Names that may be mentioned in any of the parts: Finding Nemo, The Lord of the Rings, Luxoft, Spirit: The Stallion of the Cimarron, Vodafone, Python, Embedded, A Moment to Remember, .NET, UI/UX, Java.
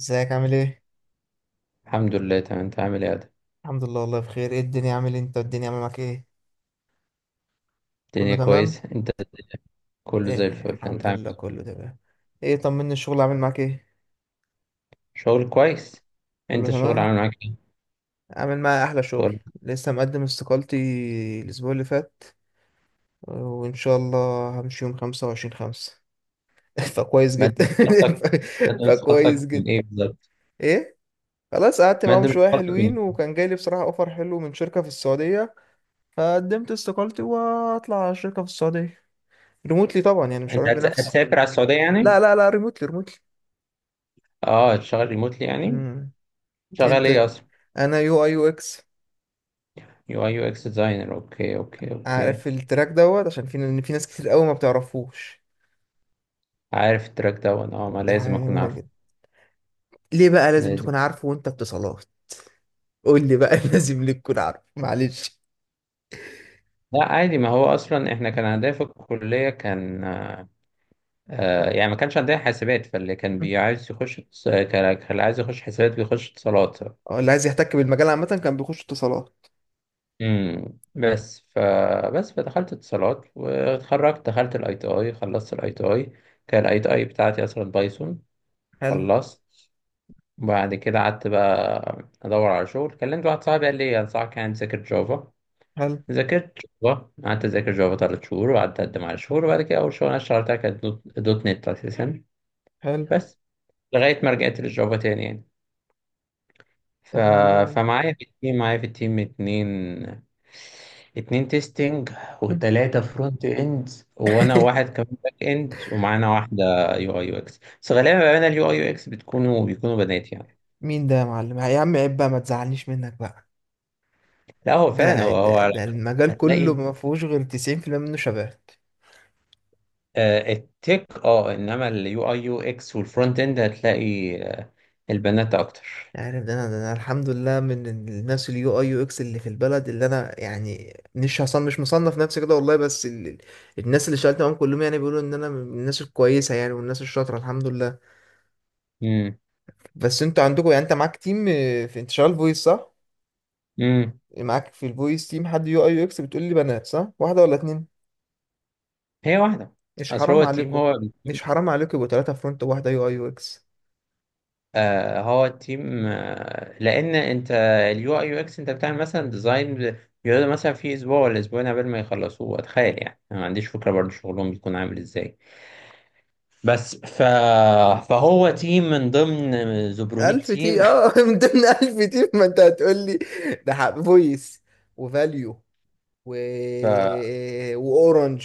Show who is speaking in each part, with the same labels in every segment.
Speaker 1: ازيك، عامل ايه؟
Speaker 2: الحمد لله تمام، انت عامل ايه يا ادم؟
Speaker 1: الحمد لله، والله بخير. ايه الدنيا عامل، انت الدنيا عامل معاك ايه؟ كله
Speaker 2: الدنيا
Speaker 1: تمام؟
Speaker 2: كويس، انت الدنيا؟ كله زي الفل، انت
Speaker 1: الحمد
Speaker 2: عامل
Speaker 1: لله
Speaker 2: ايه؟
Speaker 1: كله تمام. ايه طمني، الشغل عامل معاك ايه؟
Speaker 2: شغل كويس.
Speaker 1: كله
Speaker 2: انت الشغل
Speaker 1: تمام؟
Speaker 2: عامل معاك ايه؟
Speaker 1: عامل معايا احلى شغل.
Speaker 2: كله.
Speaker 1: لسه مقدم استقالتي الاسبوع اللي فات، وان شاء الله همشي يوم 25/5. فكويس
Speaker 2: مادة
Speaker 1: جدا.
Speaker 2: مسقطك.
Speaker 1: ف-
Speaker 2: مادة
Speaker 1: فكويس
Speaker 2: مسقطك من
Speaker 1: جدا.
Speaker 2: ايه بالظبط؟
Speaker 1: ايه؟ خلاص، قعدت معاهم
Speaker 2: مادة
Speaker 1: شوية
Speaker 2: مسقطك من
Speaker 1: حلوين
Speaker 2: ايه؟
Speaker 1: وكان جاي لي بصراحة اوفر حلو من شركة في السعودية. فقدمت استقالتي واطلع على شركة في السعودية، ريموتلي طبعا، يعني مش
Speaker 2: انت
Speaker 1: هروح بنفسي.
Speaker 2: هتسافر على السعودية يعني؟
Speaker 1: لا لا لا، ريموتلي ريموتلي.
Speaker 2: اه، هتشتغل ريموتلي يعني؟
Speaker 1: امم.
Speaker 2: شغال
Speaker 1: انت.
Speaker 2: ايه اصلا؟
Speaker 1: انا يو اي يو اكس.
Speaker 2: يو اي يو اكس ديزاينر. اوكي اوكي اوكي.
Speaker 1: عارف التراك دوت؟ عشان في، ان في ناس كتير قوي ما بتعرفوش.
Speaker 2: عارف التراك ده، وانا اه ما
Speaker 1: طب دي
Speaker 2: لازم
Speaker 1: حاجه
Speaker 2: اكون
Speaker 1: جميله
Speaker 2: عارفه.
Speaker 1: جدا. ليه بقى لازم
Speaker 2: لازم.
Speaker 1: تكون عارفه وانت اتصالات؟ قول لي بقى، لازم ليه تكون عارفه؟ معلش.
Speaker 2: لا عادي، ما هو اصلا احنا كان هدف الكلية كان، يعني ما كانش عندنا حاسبات، فاللي كان بيعايز يخش اتص- كان كان اللي عايز يخش حاسبات بيخش اتصالات.
Speaker 1: اه، اللي عايز يحتك بالمجال عامه كان بيخش اتصالات.
Speaker 2: بس فبس فدخلت اتصالات واتخرجت، دخلت الاي تي اي، خلصت الاي تي اي. كان الاي تي اي بتاعتي اصلا بايثون.
Speaker 1: حلو.
Speaker 2: خلصت، وبعد كده قعدت بقى ادور على شغل، كلمت واحد صاحبي قال لي انصحك يعني تذاكر جافا.
Speaker 1: حلو.
Speaker 2: ذاكرت جافا، قعدت اذاكر جافا ثلاث شهور، وقعدت اقدم على شهور، وبعد كده اول شغل انا اشتغلتها كانت دوت دوت نت اساسا،
Speaker 1: حلو.
Speaker 2: بس لغايه ما رجعت للجافا تاني يعني. ف...
Speaker 1: طب والله.
Speaker 2: فمعايا في التيم معايا في التيم اتنين، اتنين تيستنج،
Speaker 1: مم.
Speaker 2: وتلاتة فرونت اند، وانا واحد كمان باك اند، ومعانا واحدة يو اي يو اكس. بس غالبا بقى انا اليو اي يو اكس بيكونوا بنات يعني.
Speaker 1: مين ده يا معلم؟ يا عم عيب بقى، ما تزعلنيش منك بقى.
Speaker 2: لا هو فعلا،
Speaker 1: ده
Speaker 2: هو
Speaker 1: ده
Speaker 2: هو
Speaker 1: ده المجال كله
Speaker 2: هتلاقي
Speaker 1: ما فيهوش غير 90% منه شباب.
Speaker 2: التك اه، انما اليو اي يو اكس والفرونت اند هتلاقي البنات اكتر.
Speaker 1: عارف، ده انا الحمد لله من الناس اليو اي يو اكس اللي في البلد، اللي انا يعني مش مصنف نفسي كده والله، بس الناس اللي اشتغلت معاهم كلهم يعني بيقولوا ان انا من الناس الكويسه يعني، والناس الشاطره الحمد لله.
Speaker 2: امم
Speaker 1: بس انتوا عندكم، يعني انت معاك تيم، في، انت شغال فويس صح؟
Speaker 2: امم
Speaker 1: معاك في الفويس تيم حد يو اي يو اكس؟ بتقول لي بنات صح؟ واحده ولا اتنين؟
Speaker 2: هي واحدة.
Speaker 1: مش
Speaker 2: اصل هو
Speaker 1: حرام
Speaker 2: التيم
Speaker 1: عليكم.
Speaker 2: هو،
Speaker 1: مش حرام عليكم يبقوا 3 فرونت وواحده يو اي يو اكس.
Speaker 2: هو التيم، لان انت اليو اي يو اكس انت بتعمل مثلا ديزاين، بيقعدوا مثلا في اسبوع ولا اسبوعين قبل ما يخلصوه، اتخيل يعني انا ما عنديش فكره برضه شغلهم بيكون عامل ازاي. بس ف... فهو تيم من ضمن 800
Speaker 1: 1000
Speaker 2: تيم.
Speaker 1: تي من ضمن 1000 تي، ما انت هتقول لي. ده حق فويس، وفاليو، و...
Speaker 2: ف...
Speaker 1: واورنج،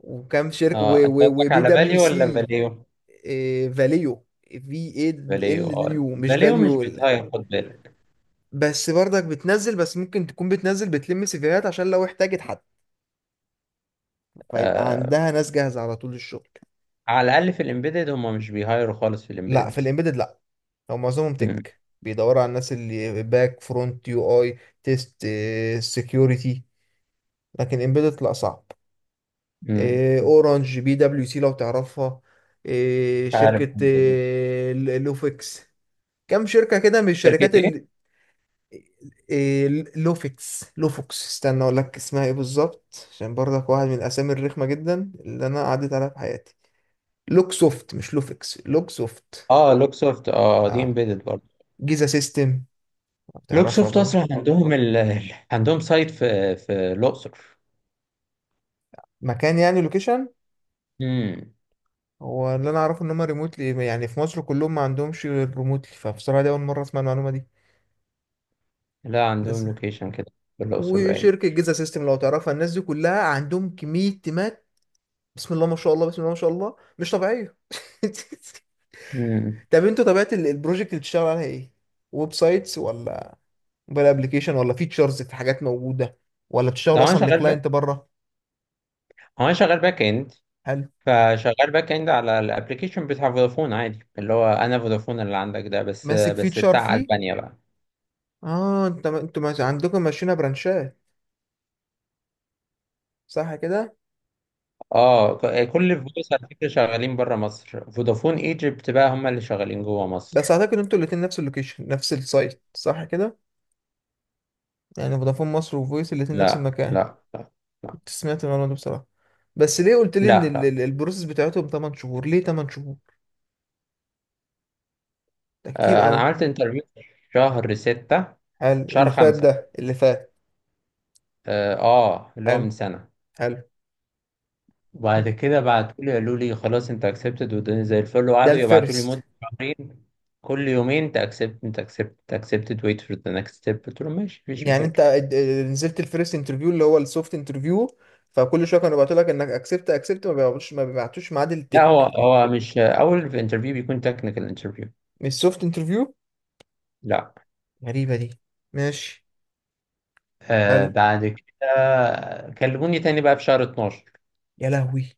Speaker 1: وكام شركه
Speaker 2: اه انت قصدك
Speaker 1: وبي
Speaker 2: على
Speaker 1: دبليو
Speaker 2: فاليو ولا
Speaker 1: سي.
Speaker 2: فاليو؟
Speaker 1: إيه، فاليو. في اي
Speaker 2: فاليو.
Speaker 1: ال
Speaker 2: اه
Speaker 1: يو، مش
Speaker 2: فاليو مش
Speaker 1: فاليو
Speaker 2: بيتهاير، خد بالك.
Speaker 1: بس برضك بتنزل، بس ممكن تكون بتنزل بتلم سيفيهات عشان لو احتاجت حد، فيبقى
Speaker 2: آه،
Speaker 1: عندها ناس جاهزه على طول للشغل.
Speaker 2: على الاقل في الامبيدد هم مش بيهايروا خالص في
Speaker 1: لا
Speaker 2: الامبيدد.
Speaker 1: في الامبيدد لا. هو معظمهم
Speaker 2: مم.
Speaker 1: تك بيدوروا على الناس اللي باك، فرونت، يو اي، تيست، سكيورتي. لكن امبيدد لا صعب.
Speaker 2: مم.
Speaker 1: إيه، اورنج، بي دبليو سي لو تعرفها. إيه،
Speaker 2: عارف.
Speaker 1: شركة إيه، لوفيكس. كم شركة كده من
Speaker 2: شركه
Speaker 1: الشركات
Speaker 2: إيه؟
Speaker 1: إيه، لوفوكس، استنى اقول لك اسمها ايه بالظبط، عشان برضك واحد من الاسامي الرخمة جدا اللي انا عديت عليها في حياتي. لوكسوفت، مش لوفيكس، لوكسوفت.
Speaker 2: اه لوكسوفت، اه دي
Speaker 1: اه.
Speaker 2: امبيدد برضه.
Speaker 1: جيزا سيستم، تعرفها
Speaker 2: لوكسوفت
Speaker 1: بقى.
Speaker 2: اصلا عندهم عندهم سايت في الاقصر.
Speaker 1: مكان يعني لوكيشن.
Speaker 2: امم.
Speaker 1: هو اللي انا اعرفه ان هم ريموتلي، يعني في مصر كلهم ما عندهمش غير ريموتلي، فبصراحة دي اول مرة اسمع المعلومة
Speaker 2: لا عندهم
Speaker 1: دي.
Speaker 2: لوكيشن كده في الاقصر باين.
Speaker 1: وشركه جيزا سيستم لو تعرفها، الناس دي كلها عندهم كميه تيمات. بسم الله ما شاء الله، بسم الله ما شاء الله، مش طبيعيه.
Speaker 2: امم.
Speaker 1: طب انتوا، طبيعه البروجكت اللي بتشتغل عليها ايه؟ ويب سايتس، ولا موبايل ابلكيشن، ولا فيتشرز في حاجات موجوده، ولا
Speaker 2: ده
Speaker 1: بتشتغل
Speaker 2: هو انا
Speaker 1: اصلا
Speaker 2: شغال بقى،
Speaker 1: لكلاينت بره؟
Speaker 2: هو انا شغال باك اند،
Speaker 1: هل
Speaker 2: فشغال باك اند على الابلكيشن بتاع فودافون عادي، اللي هو انا فودافون اللي عندك ده، بس
Speaker 1: ماسك فيتشر
Speaker 2: بتاع
Speaker 1: فيه؟
Speaker 2: اسبانيا بقى.
Speaker 1: اه، انت، عندكم ماشيينها برانشات، صح كده؟
Speaker 2: اه كل فودوس على فكره شغالين بره مصر، فودافون ايجيبت بقى هم اللي شغالين جوه
Speaker 1: بس
Speaker 2: مصر.
Speaker 1: اعتقد انتوا الاتنين نفس اللوكيشن نفس السايت، صح كده؟ يعني فودافون مصر وفويس الاتنين نفس
Speaker 2: لا
Speaker 1: المكان.
Speaker 2: لا لا. لا
Speaker 1: سمعت المعلومة دي بصراحة. بس ليه قلت لي ان
Speaker 2: لا.
Speaker 1: البروسيس بتاعتهم 8 شهور؟ ليه 8 شهور؟ ده كتير
Speaker 2: انا
Speaker 1: قوي.
Speaker 2: عملت انترفيو شهر ستة،
Speaker 1: حلو
Speaker 2: شهر
Speaker 1: اللي فات،
Speaker 2: خمسة،
Speaker 1: ده اللي فات.
Speaker 2: اه اللي هو من
Speaker 1: حلو.
Speaker 2: سنة.
Speaker 1: حلو. م.
Speaker 2: وبعد كده بعتوا لي قالوا لي خلاص انت اكسبتد، والدنيا زي الفل،
Speaker 1: ده
Speaker 2: وقعدوا يبعتوا لي مدة
Speaker 1: الفيرست.
Speaker 2: شهرين كل يومين، انت اكسبت انت اكسبت انت اكسبتد ويت فور ذا نكست ستيب، قلت لهم ماشي مفيش
Speaker 1: يعني انت
Speaker 2: مشاكل.
Speaker 1: نزلت الفيرست انترفيو اللي هو السوفت انترفيو، فكل شويه كانوا بيبعتوا لك انك اكسبت اكسبت، ما بيبعتوش ما بيبعتوش ميعاد
Speaker 2: لا هو
Speaker 1: التك،
Speaker 2: هو مش اول في انترفيو بيكون تكنيكال انترفيو.
Speaker 1: من السوفت انترفيو؟
Speaker 2: لا.
Speaker 1: غريبه دي. ماشي.
Speaker 2: آه،
Speaker 1: حلو.
Speaker 2: بعد كده كلموني تاني بقى في شهر 12،
Speaker 1: يا لهوي.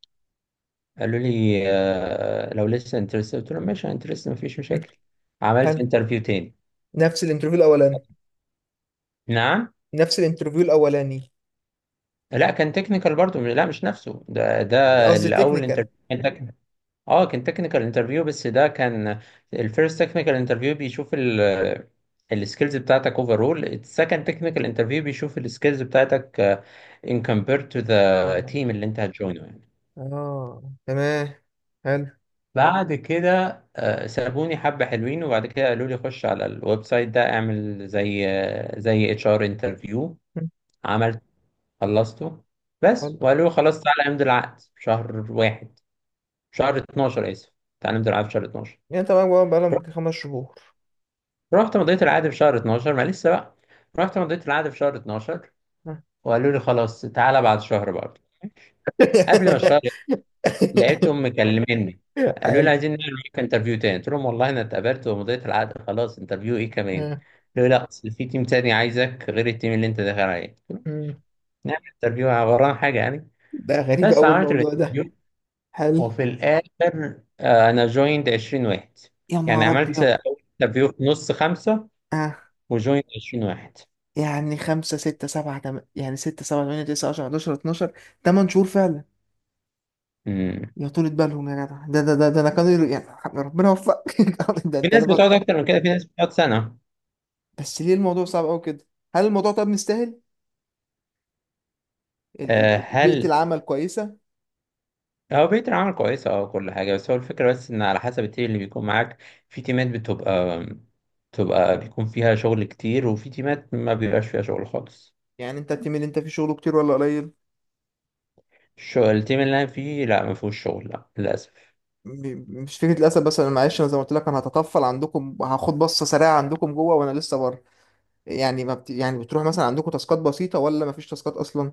Speaker 2: قالوا لي آه لو لسه انترست، قلت لهم ماشي انترست مفيش
Speaker 1: هم.
Speaker 2: مشاكل. عملت
Speaker 1: حلو.
Speaker 2: انترفيو تاني.
Speaker 1: نفس الانترفيو الاولاني؟
Speaker 2: نعم.
Speaker 1: نفس الانترفيو الاولاني.
Speaker 2: لا كان تكنيكال برضو، لا مش نفسه، ده
Speaker 1: قصدي
Speaker 2: الاول
Speaker 1: تكنيكال.
Speaker 2: انترفيو كان تكنيكال. اه كان تكنيكال انترفيو، بس ده كان الفيرست تكنيكال انترفيو بيشوف ال السكيلز بتاعتك اوفرول، السكند تكنيكال انترفيو بيشوف السكيلز بتاعتك ان كومبير تو ذا تيم اللي انت هتجوينه يعني.
Speaker 1: اه تمام. حلو.
Speaker 2: بعد كده سابوني حبة حلوين، وبعد كده قالوا لي خش على الويب سايت ده اعمل زي زي اتش ار انترفيو.
Speaker 1: مم.
Speaker 2: خلصته بس،
Speaker 1: حلو.
Speaker 2: وقالوا له خلاص تعالى امضي العقد في شهر واحد، في شهر 12، اسف، تعالى امضي العقد في شهر 12.
Speaker 1: يعني انت معاك بقى بقالهم
Speaker 2: رحت،
Speaker 1: يجي 5 شهور.
Speaker 2: رحت مضيت العقد في شهر 12، ما لسه بقى، رحت مضيت العقد في شهر 12،
Speaker 1: آه.
Speaker 2: وقالوا لي خلاص تعالى بعد شهر برضه، قبل ما الشهر لقيتهم مكلميني قالوا لي
Speaker 1: حلو.
Speaker 2: عايزين نعمل معاك انترفيو تاني. قلت لهم والله انا اتقابلت ومضيت العقد، خلاص انترفيو ايه كمان؟
Speaker 1: آه.
Speaker 2: قالوا لي لا اصل في تيم تاني عايزك غير التيم اللي انت داخل عليه، قلت لهم
Speaker 1: مم.
Speaker 2: نعمل انترفيو، ورانا حاجه يعني؟
Speaker 1: ده غريب
Speaker 2: بس
Speaker 1: أوي
Speaker 2: عملت
Speaker 1: الموضوع ده.
Speaker 2: الانترفيو،
Speaker 1: حلو.
Speaker 2: وفي الآخر أنا جويند 20 واحد.
Speaker 1: يا
Speaker 2: يعني
Speaker 1: نهار
Speaker 2: عملت
Speaker 1: أبيض.
Speaker 2: أول انترفيو في نص خمسة،
Speaker 1: آه.
Speaker 2: وجويند 20 واحد.
Speaker 1: يعني خمسة، ستة، سبعة، يعني ستة، سبعة، تمانية، تسعة، عشرة، حداشر، اتناشر، 8 شهور فعلا.
Speaker 2: مم.
Speaker 1: يا طولة بالهم يا جدع، ده أنا يعني، ربنا يوفقك. ده,
Speaker 2: في
Speaker 1: ده أنا
Speaker 2: ناس بتقعد
Speaker 1: بقى.
Speaker 2: أكتر من كده، في ناس بتقعد سنة.
Speaker 1: بس ليه الموضوع صعب أوي كده؟ هل الموضوع طب مستاهل؟
Speaker 2: آه،
Speaker 1: بيئة
Speaker 2: هل
Speaker 1: العمل كويسة؟
Speaker 2: هو بيئة العمل كويسة، أه كل حاجة، بس هو الفكرة بس إن على حسب التيم اللي بيكون معاك. في تيمات بتبقى بيكون فيها شغل كتير، وفي تيمات ما بيبقاش فيها شغل خالص.
Speaker 1: يعني انت التيم اللي انت فيه شغله كتير ولا قليل؟
Speaker 2: الشغل التيم اللي أنا فيه لا ما فيهوش شغل، لا للأسف.
Speaker 1: مش فكره للاسف، بس انا معلش، انا زي ما قلت لك انا هتطفل عندكم، هاخد بصه سريعه عندكم جوه وانا لسه بره. يعني ما بت... يعني بتروح مثلا، عندكم تاسكات بسيطه ولا ما فيش تاسكات اصلا؟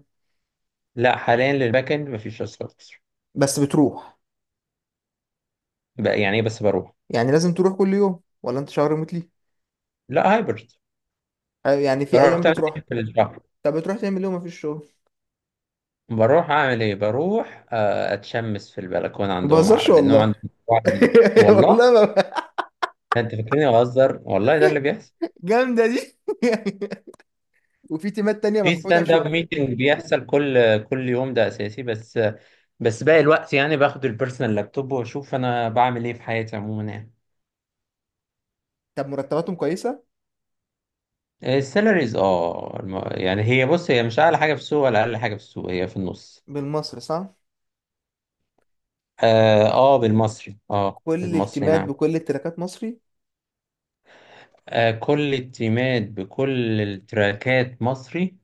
Speaker 2: لا حاليا للباك إند ما فيش أصلا.
Speaker 1: بس بتروح؟
Speaker 2: بقى يعني إيه بس بروح.
Speaker 1: يعني لازم تروح كل يوم، ولا انت شهر متلي؟
Speaker 2: لا هايبرد.
Speaker 1: اه، يعني في
Speaker 2: بروح
Speaker 1: ايام
Speaker 2: تلات
Speaker 1: بتروح.
Speaker 2: أيام في الشهر.
Speaker 1: طب بتروح تعمل ايه وما فيش شغل؟
Speaker 2: بروح أعمل إيه؟ بروح أتشمس في البلكونة
Speaker 1: ما
Speaker 2: عندهم،
Speaker 1: بهزرش
Speaker 2: لأنهم
Speaker 1: والله.
Speaker 2: عندهم مشروع جديد
Speaker 1: والله
Speaker 2: والله.
Speaker 1: ما...
Speaker 2: أنت فاكرني بهزر؟ والله ده اللي بيحصل.
Speaker 1: جامده دي. وفي تيمات تانية
Speaker 2: في
Speaker 1: مفحوطه في
Speaker 2: ستاند اب
Speaker 1: شغل.
Speaker 2: ميتنج بيحصل كل يوم ده أساسي، بس باقي الوقت يعني باخد البيرسونال لابتوب وأشوف أنا بعمل إيه في حياتي عموما يعني.
Speaker 1: طب مرتباتهم كويسه؟
Speaker 2: السالاريز اه يعني هي، بص هي مش أعلى حاجة في السوق ولا أقل حاجة في السوق، هي في النص.
Speaker 1: بالمصري صح؟
Speaker 2: اه بالمصري، اه
Speaker 1: كل
Speaker 2: بالمصري
Speaker 1: التيمات
Speaker 2: نعم.
Speaker 1: بكل التراكات مصري.
Speaker 2: كل التيمات بكل التراكات مصري.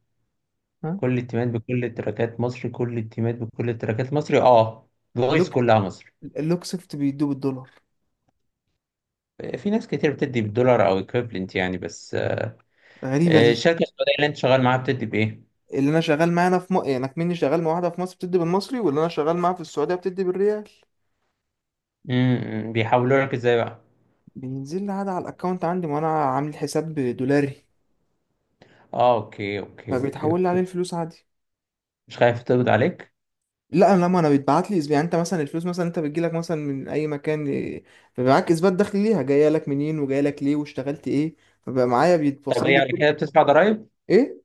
Speaker 1: ها.
Speaker 2: كل التيمات بكل التراكات مصري. كل التيمات بكل التراكات مصري. اه الفويس
Speaker 1: لوك
Speaker 2: كلها مصري.
Speaker 1: اللوكسفت بيدوه بالدولار؟
Speaker 2: في ناس كتير بتدي بالدولار او ايكويفلنت يعني، بس
Speaker 1: غريبة دي.
Speaker 2: الشركه السعوديه اللي انت شغال معاها بتدي بايه؟
Speaker 1: اللي انا شغال معاه انا يعني كمني شغال مع واحدة في مصر بتدي بالمصري، واللي انا شغال معاه في السعودية بتدي بالريال.
Speaker 2: امم. بيحولوا لك ازاي بقى؟
Speaker 1: بينزل لي عادي على الاكونت عندي، وانا عامل حساب دولاري،
Speaker 2: اه اوكي اوكي اوكي
Speaker 1: فبيتحول لي عليه
Speaker 2: اوكي.
Speaker 1: الفلوس عادي.
Speaker 2: مش خايف تقبض عليك؟
Speaker 1: لا انا، لما انا بيتبعت لي يعني انت مثلا الفلوس مثلا انت بتجيلك مثلا من اي مكان، فبيبقى معاك اثبات دخل ليها، جايه لك منين وجايه لك ليه واشتغلت ايه. فبقى معايا
Speaker 2: طب
Speaker 1: بيتوصل
Speaker 2: ايه
Speaker 1: لي
Speaker 2: على
Speaker 1: كل.
Speaker 2: كده بتدفع ضرايب؟
Speaker 1: ايه.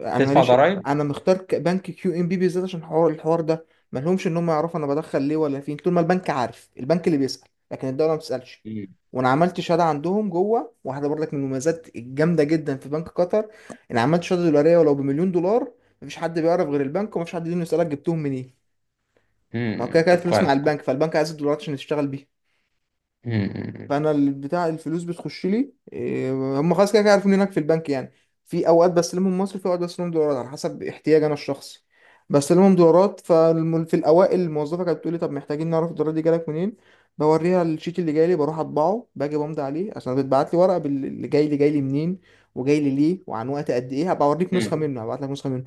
Speaker 1: انا
Speaker 2: بتدفع
Speaker 1: ماليش.
Speaker 2: ضرايب؟
Speaker 1: انا مختار بنك كيو ام بي بالذات، عشان الحوار ده. ما لهمش ان هم يعرفوا انا بدخل ليه ولا فين، طول ما البنك عارف. البنك اللي بيسأل، لكن الدولة ما بتسألش.
Speaker 2: امم.
Speaker 1: وانا عملت شهاده عندهم جوه، واحده برضك من المميزات الجامده جدا في بنك قطر، انا عملت شهاده دولاريه، ولو بمليون دولار مفيش حد بيعرف غير البنك، ومفيش حد ليه يسألك جبتهم منين. ما هو كده
Speaker 2: أمم،
Speaker 1: كده
Speaker 2: طب
Speaker 1: الفلوس مع
Speaker 2: كويس
Speaker 1: البنك،
Speaker 2: كويس.
Speaker 1: فالبنك عايز الدولارات عشان يشتغل بيها،
Speaker 2: امم. أمم.
Speaker 1: فانا بتاع الفلوس بتخش لي، هم خلاص كده كده عارفين هناك في البنك يعني. في اوقات بستلمهم مصري، في اوقات بستلمهم دولارات على حسب احتياج انا الشخصي. بستلمهم دولارات، ففي الاوائل الموظفه كانت بتقولي طب محتاجين نعرف الدولارات دي جالك منين. بوريها الشيت اللي جاي لي، بروح اطبعه، باجي بمضي عليه عشان بتبعت لي ورقه اللي جاي لي منين وجاي لي ليه وعن وقت قد ايه، هبقى اوريك نسخه
Speaker 2: أمم.
Speaker 1: منه، هبعت لك نسخه منه.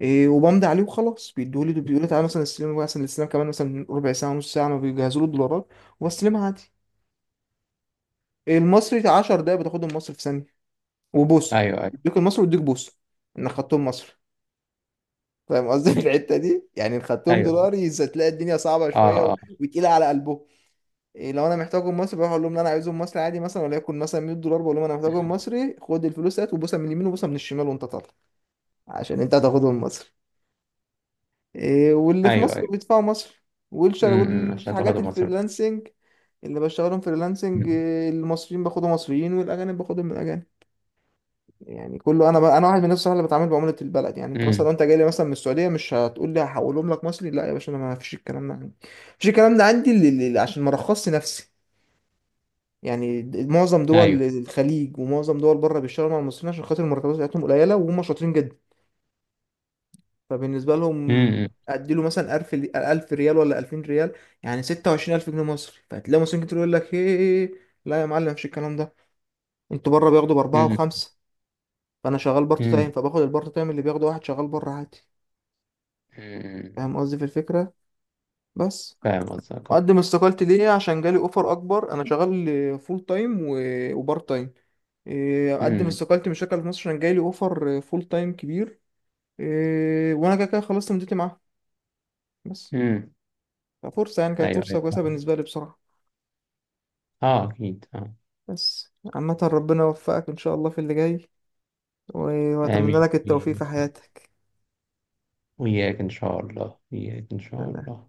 Speaker 1: وبمضي عليه وخلاص، بيدوه لي بيقولوا لي تعالى مثلا استلم، مثلا الاستلام كمان مثلا ربع ساعه نص ساعه ما بيجهزوا له الدولارات، وبستلمها عادي. المصري 10 دقايق بتاخدهم مصر في ثانيه، وبوسه.
Speaker 2: ايوه ايوه.
Speaker 1: يديك المصري ويديك بوسه انك خدتهم مصر. فاهم قصدي؟ في الحته دي يعني، إن خدتهم
Speaker 2: ايوه
Speaker 1: دولاري هتلاقي الدنيا صعبه شويه
Speaker 2: اه. آه.
Speaker 1: وتقيله على قلبه. لو انا محتاجهم مصري، بروح اقول لهم لا انا عايزهم مصري عادي، مثلا وليكن مثلا 100 دولار، بقول لهم انا محتاجهم مصري، خد الفلوس، هات، وبوسه من اليمين وبوسه من الشمال وانت طالع، عشان انت هتاخدهم مصري. واللي في
Speaker 2: ايوه
Speaker 1: مصر
Speaker 2: أيوه.
Speaker 1: بيدفعوا مصري والشر
Speaker 2: عشان
Speaker 1: والحاجات
Speaker 2: تاخدهم مصر.
Speaker 1: الفريلانسنج، اللي بشتغلهم فريلانسنج،
Speaker 2: امم.
Speaker 1: المصريين باخدهم مصريين والاجانب باخدهم من الاجانب. يعني كله، انا بقى انا واحد من الناس اللي بتعامل بعمله البلد، يعني انت مثلا
Speaker 2: أمم.
Speaker 1: لو انت جاي لي مثلا من السعوديه، مش هتقول لي هحولهم لك مصري. لا يا باشا، انا ما فيش الكلام ده عندي، مفيش الكلام ده عندي، عشان ما رخصش نفسي. يعني معظم دول
Speaker 2: ايوه.
Speaker 1: الخليج ومعظم دول بره بيشتغلوا مع المصريين عشان خاطر المرتبات بتاعتهم قليله، وهم شاطرين جدا. فبالنسبه لهم،
Speaker 2: امم.
Speaker 1: اديله مثلا 1000، 1000 ريال ولا 2000 ريال، يعني 26,000 جنيه مصري، فهتلاقي مصريين كتير يقول لك ايه، لا يا معلم، مفيش الكلام ده. انتوا بره بياخدوا باربعه
Speaker 2: امم.
Speaker 1: وخمسه. فانا شغال بارت تايم،
Speaker 2: أمم.
Speaker 1: فباخد البارت تايم اللي بياخده واحد شغال بره عادي.
Speaker 2: امم.
Speaker 1: فاهم قصدي في الفكرة؟ بس.
Speaker 2: فاهم قصدك اه.
Speaker 1: أقدم استقالتي ليه؟ عشان جالي أوفر أكبر، أنا شغال فول تايم و- وبارت تايم. أقدم
Speaker 2: امم
Speaker 1: استقالتي من الشركة اللي في مصر عشان جالي أوفر فول تايم كبير. وأنا كده كده خلصت مدتي معاه بس،
Speaker 2: امم.
Speaker 1: ففرصة يعني، كانت
Speaker 2: ايوه ايوه
Speaker 1: فرصة كويسة
Speaker 2: فاهم.
Speaker 1: بالنسبة لي بصراحة.
Speaker 2: اه اكيد اه.
Speaker 1: بس عامة ربنا يوفقك إن شاء الله في اللي جاي، و- وأتمنى
Speaker 2: امين
Speaker 1: لك التوفيق
Speaker 2: امين.
Speaker 1: في حياتك.
Speaker 2: وإياك إن شاء الله. إياك إن شاء الله.